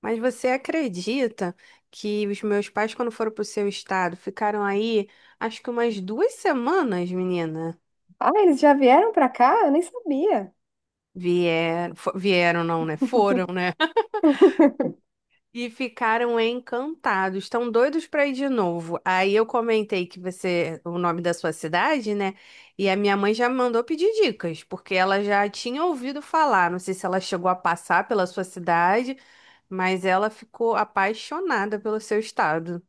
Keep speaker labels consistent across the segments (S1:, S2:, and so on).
S1: Mas você acredita que os meus pais, quando foram pro seu estado, ficaram aí, acho que umas duas semanas, menina?
S2: Ah, eles já vieram pra cá? Eu nem sabia.
S1: Vieram, vieram não, né? Foram, né? E ficaram encantados, estão doidos para ir de novo. Aí eu comentei que você, o nome da sua cidade, né? E a minha mãe já me mandou pedir dicas, porque ela já tinha ouvido falar. Não sei se ela chegou a passar pela sua cidade, mas ela ficou apaixonada pelo seu estado.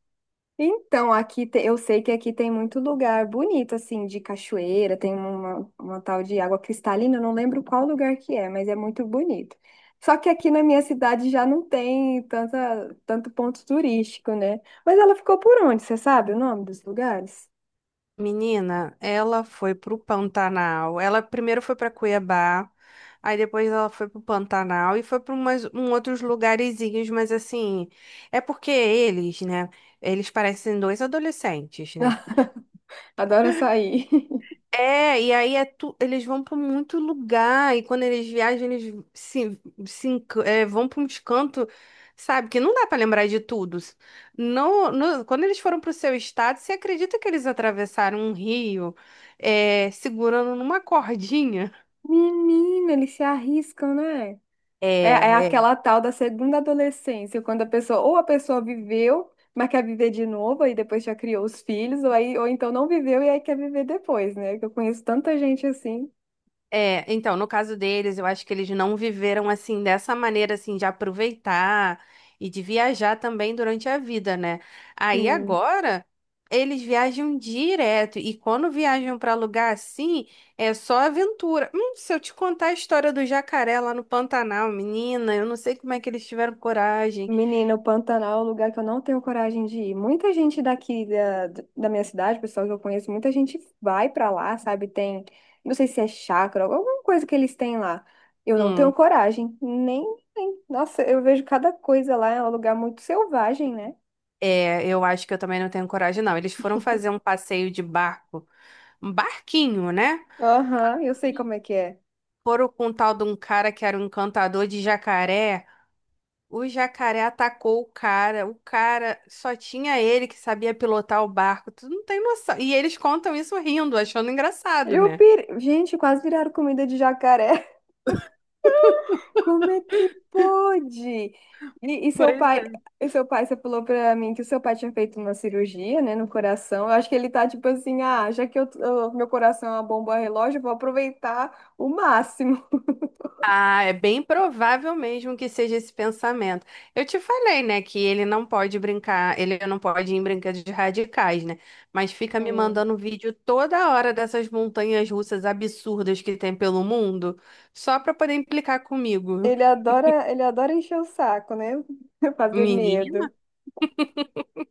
S2: Então, eu sei que aqui tem muito lugar bonito, assim, de cachoeira, tem uma tal de água cristalina, eu não lembro qual lugar que é, mas é muito bonito. Só que aqui na minha cidade já não tem tanto ponto turístico, né? Mas ela ficou por onde? Você sabe o nome dos lugares?
S1: Menina, ela foi pro Pantanal. Ela primeiro foi pra Cuiabá, aí depois ela foi pro Pantanal e foi para umas um outros lugarzinhos, mas assim, é porque eles, né, eles parecem dois adolescentes, né?
S2: Adoram sair.
S1: É, e aí é eles vão para muito lugar, e quando eles viajam, eles se, se enc- é, vão para uns cantos, sabe? Que não dá para lembrar de tudo. Quando eles foram para o seu estado, você acredita que eles atravessaram um rio, é, segurando numa cordinha?
S2: Menina, eles se arriscam, né? É, é
S1: É,
S2: aquela tal da segunda adolescência, quando a pessoa, ou a pessoa viveu, mas quer viver de novo, e depois já criou os filhos, ou, aí, ou então não viveu e aí quer viver depois, né? Que eu conheço tanta gente assim.
S1: é, então, no caso deles, eu acho que eles não viveram assim dessa maneira assim de aproveitar e de viajar também durante a vida, né? Aí
S2: Hum.
S1: agora eles viajam direto e quando viajam para lugar assim, é só aventura. Se eu te contar a história do jacaré lá no Pantanal, menina, eu não sei como é que eles tiveram coragem.
S2: Menina, o Pantanal é um lugar que eu não tenho coragem de ir. Muita gente da minha cidade, pessoal que eu conheço, muita gente vai pra lá, sabe? Tem, não sei se é chácara, alguma coisa que eles têm lá. Eu não tenho
S1: Hum,
S2: coragem, nem. Nossa, eu vejo cada coisa lá, é um lugar muito selvagem, né?
S1: é, eu acho que eu também não tenho coragem, não. Eles foram fazer um passeio de barco, um barquinho, né?
S2: Aham, eu sei como é que é.
S1: Foram com um tal de um cara que era um encantador de jacaré. O jacaré atacou o cara. O cara só tinha ele que sabia pilotar o barco. Tu não tem noção. E eles contam isso rindo, achando engraçado,
S2: Eu
S1: né?
S2: pir... Gente, quase viraram comida de jacaré. Como é que pode? E, e seu
S1: Pois
S2: pai,
S1: é.
S2: e seu pai, você falou pra mim que o seu pai tinha feito uma cirurgia, né, no coração. Eu acho que ele tá tipo assim, ah, já que meu coração é uma bomba relógio, eu vou aproveitar o máximo.
S1: Ah, é bem provável mesmo que seja esse pensamento. Eu te falei, né, que ele não pode brincar, ele não pode ir em brinquedos radicais, né? Mas fica me
S2: Hum.
S1: mandando vídeo toda hora dessas montanhas russas absurdas que tem pelo mundo, só pra poder implicar comigo.
S2: Ele adora encher o saco, né? Fazer
S1: Menina?
S2: medo.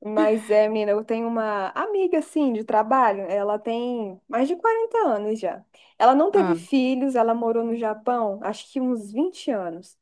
S2: Mas é, menina, eu tenho uma amiga, assim, de trabalho. Ela tem mais de 40 anos já. Ela não teve
S1: Ah,
S2: filhos, ela morou no Japão, acho que uns 20 anos.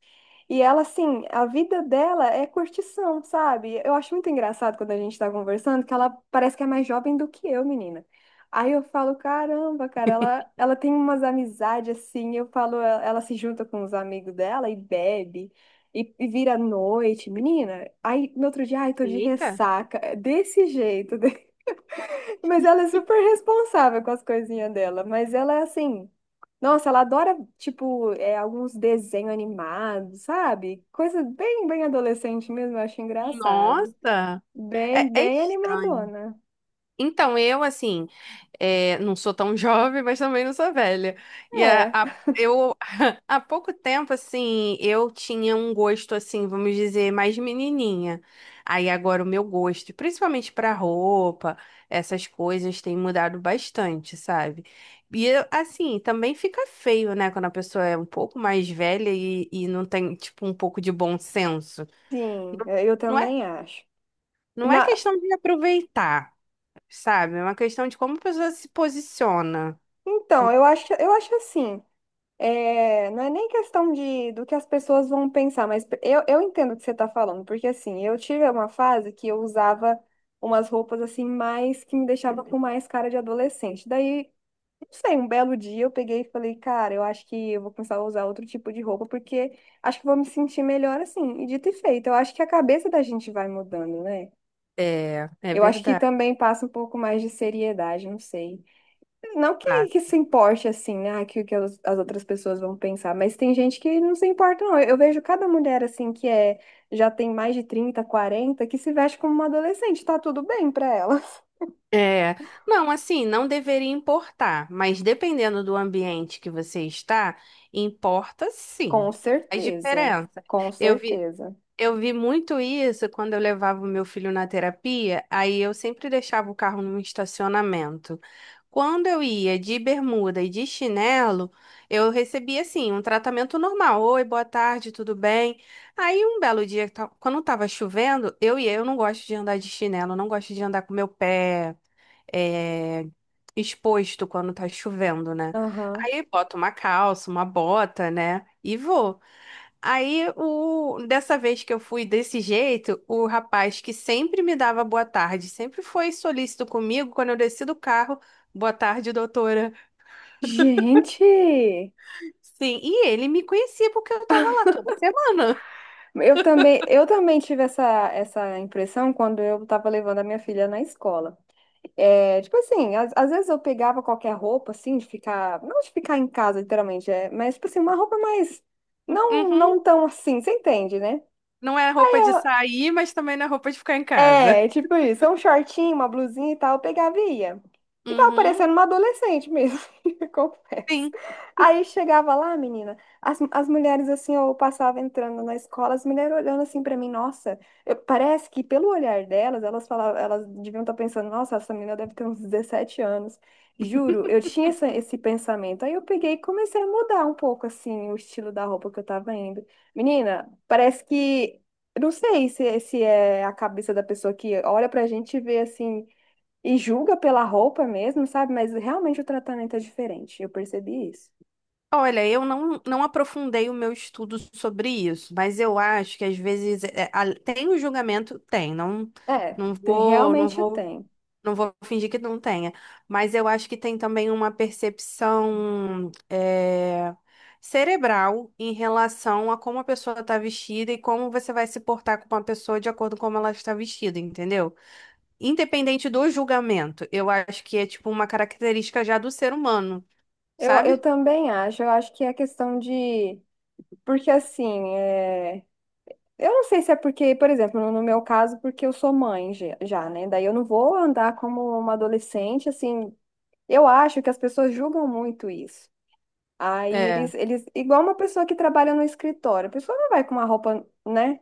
S2: E ela, assim, a vida dela é curtição, sabe? Eu acho muito engraçado quando a gente tá conversando que ela parece que é mais jovem do que eu, menina. Aí eu falo, caramba, cara, ela tem umas amizades assim. Eu falo, ela se junta com os amigos dela e bebe. E vira à noite, menina. Aí no outro dia, ai, tô de
S1: eita,
S2: ressaca. É desse jeito. Mas ela é super responsável com as coisinhas dela. Mas ela é assim. Nossa, ela adora, tipo, é, alguns desenhos animados, sabe? Coisa bem adolescente mesmo, eu acho engraçado.
S1: nossa, é, é
S2: Bem
S1: estranho.
S2: animadona.
S1: Então, eu, assim, é, não sou tão jovem, mas também não sou velha. E
S2: É,
S1: eu, há pouco tempo, assim, eu tinha um gosto, assim, vamos dizer, mais menininha. Aí agora o meu gosto, principalmente pra roupa, essas coisas, tem mudado bastante, sabe? E, eu, assim, também fica feio, né, quando a pessoa é um pouco mais velha e não tem, tipo, um pouco de bom senso.
S2: sim, é, eu
S1: Não é,
S2: também acho.
S1: não é
S2: Na...
S1: questão de aproveitar, sabe? É uma questão de como a pessoa se posiciona.
S2: Então, eu acho assim. É, não é nem questão de, do que as pessoas vão pensar, mas eu entendo o que você está falando, porque assim, eu tive uma fase que eu usava umas roupas assim, mais que me deixava com mais cara de adolescente. Daí, não sei, um belo dia eu peguei e falei, cara, eu acho que eu vou começar a usar outro tipo de roupa, porque acho que vou me sentir melhor assim. E dito e feito, eu acho que a cabeça da gente vai mudando, né?
S1: É, é
S2: Eu acho que
S1: verdade.
S2: também passa um pouco mais de seriedade, não sei. Não
S1: Pá.
S2: que se importe assim, né? Que o que as outras pessoas vão pensar, mas tem gente que não se importa, não. Eu vejo cada mulher assim que é já tem mais de 30, 40 que se veste como uma adolescente, tá tudo bem pra ela.
S1: É, não, assim, não deveria importar, mas dependendo do ambiente que você está, importa
S2: Com
S1: sim. Faz
S2: certeza,
S1: diferença.
S2: com
S1: Eu vi,
S2: certeza.
S1: eu vi muito isso quando eu levava o meu filho na terapia, aí eu sempre deixava o carro num estacionamento. Quando eu ia de bermuda e de chinelo, eu recebia assim um tratamento normal. Oi, boa tarde, tudo bem? Aí um belo dia, quando estava chovendo, eu ia, eu não gosto de andar de chinelo, não gosto de andar com meu pé eh, exposto quando tá chovendo, né?
S2: Aham.
S1: Aí boto uma calça, uma bota, né? E vou. Aí, dessa vez que eu fui desse jeito, o rapaz que sempre me dava boa tarde, sempre foi solícito comigo quando eu desci do carro, boa tarde, doutora.
S2: Gente,
S1: Sim, e ele me conhecia porque eu tava lá toda semana.
S2: eu também tive essa impressão quando eu tava levando a minha filha na escola. É, tipo assim, às vezes eu pegava qualquer roupa, assim, de ficar, não de ficar em casa, literalmente, é, mas, tipo assim, uma roupa mais, não
S1: Uhum.
S2: tão assim, você entende, né?
S1: Não é roupa de sair, mas também não é roupa de ficar em casa.
S2: É, tipo isso, um shortinho, uma blusinha e tal, eu pegava e ia. E tava
S1: Uhum.
S2: parecendo uma adolescente mesmo, confesso.
S1: Sim.
S2: Aí chegava lá, menina, as mulheres assim, eu passava entrando na escola, as mulheres olhando assim pra mim, nossa, parece que pelo olhar delas, elas falavam, elas deviam estar pensando, nossa, essa menina deve ter uns 17 anos. Juro, eu tinha esse pensamento. Aí eu peguei e comecei a mudar um pouco assim o estilo da roupa que eu tava indo. Menina, parece que eu não sei se é a cabeça da pessoa que olha pra gente e vê assim e julga pela roupa mesmo, sabe? Mas realmente o tratamento é diferente. Eu percebi isso.
S1: Olha, eu não, não aprofundei o meu estudo sobre isso, mas eu acho que às vezes é, tem o julgamento, tem, não,
S2: É,
S1: não vou, não
S2: realmente
S1: vou,
S2: tem.
S1: não vou fingir que não tenha, mas eu acho que tem também uma percepção é, cerebral em relação a como a pessoa está vestida e como você vai se portar com uma pessoa de acordo com como ela está vestida, entendeu? Independente do julgamento, eu acho que é tipo uma característica já do ser humano,
S2: Eu
S1: sabe?
S2: também acho. Eu acho que é questão de. Porque assim, é... eu não sei se é porque, por exemplo, no meu caso, porque eu sou mãe já, já, né? Daí eu não vou andar como uma adolescente, assim. Eu acho que as pessoas julgam muito isso. Aí
S1: É.
S2: eles, igual uma pessoa que trabalha no escritório, a pessoa não vai com uma roupa, né,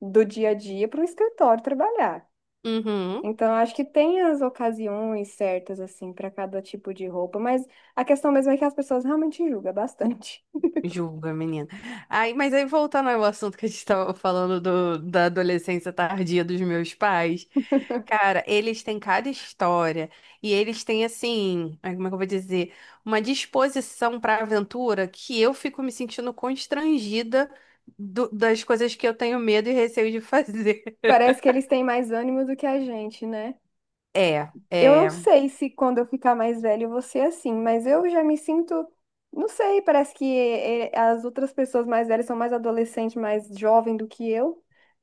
S2: do dia a dia para o escritório trabalhar.
S1: Uhum.
S2: Então, eu acho que tem as ocasiões certas, assim, para cada tipo de roupa, mas a questão mesmo é que as pessoas realmente julgam bastante.
S1: Julga menina. Aí, mas aí voltando ao assunto que a gente estava falando do, da adolescência tardia dos meus pais, cara, eles têm cada história e eles têm assim, ai, como é que eu vou dizer, uma disposição para aventura que eu fico me sentindo constrangida das coisas que eu tenho medo e receio de fazer.
S2: Parece que eles têm mais ânimo do que a gente, né?
S1: É,
S2: Eu não
S1: é.
S2: sei se quando eu ficar mais velho eu vou ser assim, mas eu já me sinto, não sei, parece que as outras pessoas mais velhas são mais adolescentes, mais jovem do que eu.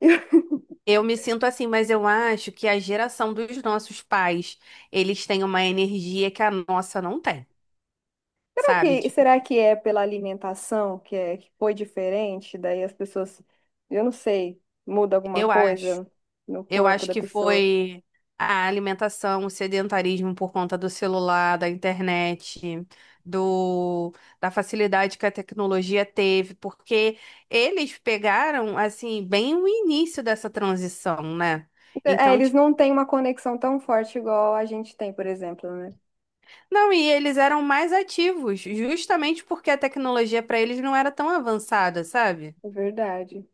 S1: Eu me sinto assim, mas eu acho que a geração dos nossos pais, eles têm uma energia que a nossa não tem, sabe? Tipo,
S2: Será que é pela alimentação que, é, que foi diferente? Daí as pessoas, eu não sei, muda alguma
S1: eu acho.
S2: coisa no
S1: Eu
S2: corpo
S1: acho
S2: da
S1: que
S2: pessoa.
S1: foi a alimentação, o sedentarismo por conta do celular, da internet, do, da facilidade que a tecnologia teve, porque eles pegaram, assim, bem o início dessa transição, né?
S2: É,
S1: Então,
S2: eles
S1: tipo,
S2: não têm uma conexão tão forte igual a gente tem, por exemplo, né?
S1: não, e eles eram mais ativos, justamente porque a tecnologia para eles não era tão avançada, sabe?
S2: É verdade.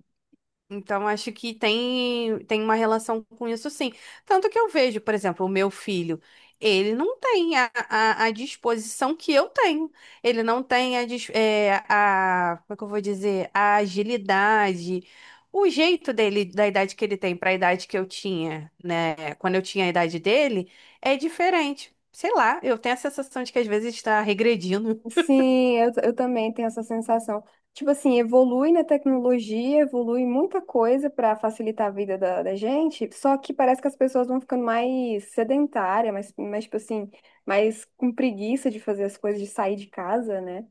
S1: Então, acho que tem, tem uma relação com isso, sim. Tanto que eu vejo, por exemplo, o meu filho, ele não tem a disposição que eu tenho. Ele não tem a, a, como é que eu vou dizer, a agilidade, o jeito dele, da idade que ele tem para a idade que eu tinha, né? Quando eu tinha a idade dele, é diferente. Sei lá, eu tenho a sensação de que às vezes está regredindo.
S2: Sim, eu também tenho essa sensação. Tipo assim, evolui na tecnologia, evolui muita coisa para facilitar a vida da gente, só que parece que as pessoas vão ficando mais sedentárias, tipo assim, mais com preguiça de fazer as coisas, de sair de casa, né?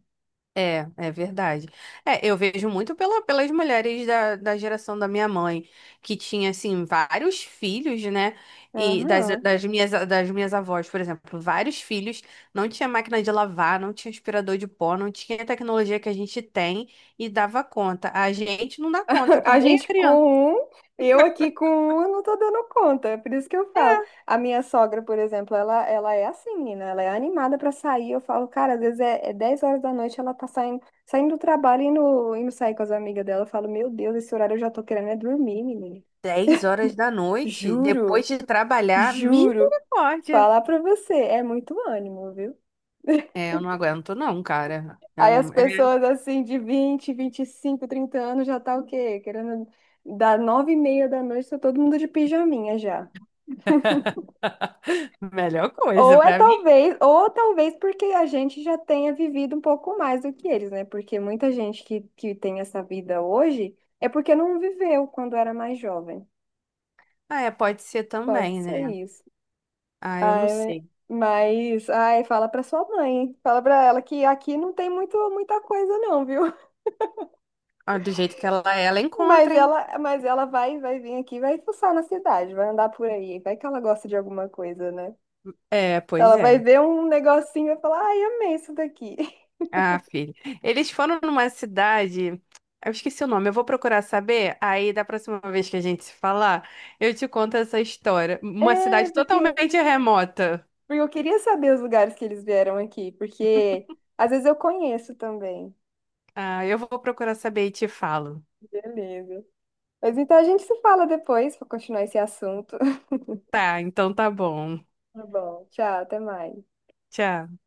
S1: É, é verdade. É, eu vejo muito pela, pelas mulheres da, da geração da minha mãe, que tinha, assim, vários filhos, né? E
S2: Aham.
S1: das minhas avós, por exemplo, vários filhos, não tinha máquina de lavar, não tinha aspirador de pó, não tinha a tecnologia que a gente tem e dava conta. A gente não dá conta com
S2: A
S1: meia
S2: gente
S1: criança.
S2: com um, eu aqui com um, eu não tô dando conta. É por isso que eu falo. A minha sogra, por exemplo, ela é assim, menina. Ela é animada pra sair. Eu falo, cara, às vezes é 10 horas da noite, ela tá saindo, saindo do trabalho e indo sair com as amigas dela. Eu falo, meu Deus, esse horário eu já tô querendo é dormir, menina.
S1: 10 horas da noite,
S2: Juro,
S1: depois de trabalhar,
S2: juro.
S1: misericórdia.
S2: Falar pra você, é muito ânimo, viu?
S1: É, eu não aguento não, cara. É,
S2: Aí as
S1: é
S2: pessoas assim de 20, 25, 30 anos já tá o quê? Querendo dar 9:30 da noite, tá todo mundo de pijaminha já.
S1: a melhor coisa
S2: Ou é
S1: pra mim.
S2: talvez, ou talvez porque a gente já tenha vivido um pouco mais do que eles, né? Porque muita gente que tem essa vida hoje é porque não viveu quando era mais jovem.
S1: Ah, é, pode ser
S2: Pode
S1: também,
S2: ser
S1: né?
S2: isso.
S1: Ah, eu não
S2: Ai, né?
S1: sei.
S2: Mas, ai, fala pra sua mãe, hein? Fala pra ela que aqui não tem muita coisa não, viu?
S1: Ah, do jeito que ela é, ela
S2: Mas
S1: encontra, hein?
S2: ela vai, vai vir aqui, vai fuçar na cidade, vai andar por aí, vai que ela gosta de alguma coisa, né?
S1: É, pois
S2: Ela vai
S1: é.
S2: ver um negocinho e vai falar, ai, amei isso daqui.
S1: Ah, filho. Eles foram numa cidade. Eu esqueci o nome, eu vou procurar saber. Aí, da próxima vez que a gente se falar, eu te conto essa história. Uma
S2: É,
S1: cidade
S2: porque
S1: totalmente remota.
S2: Porque eu queria saber os lugares que eles vieram aqui, porque às vezes eu conheço também.
S1: Ah, eu vou procurar saber e te falo.
S2: Beleza. Mas então a gente se fala depois para continuar esse assunto.
S1: Tá, então tá bom.
S2: Tá bom. Tchau, até mais.
S1: Tchau.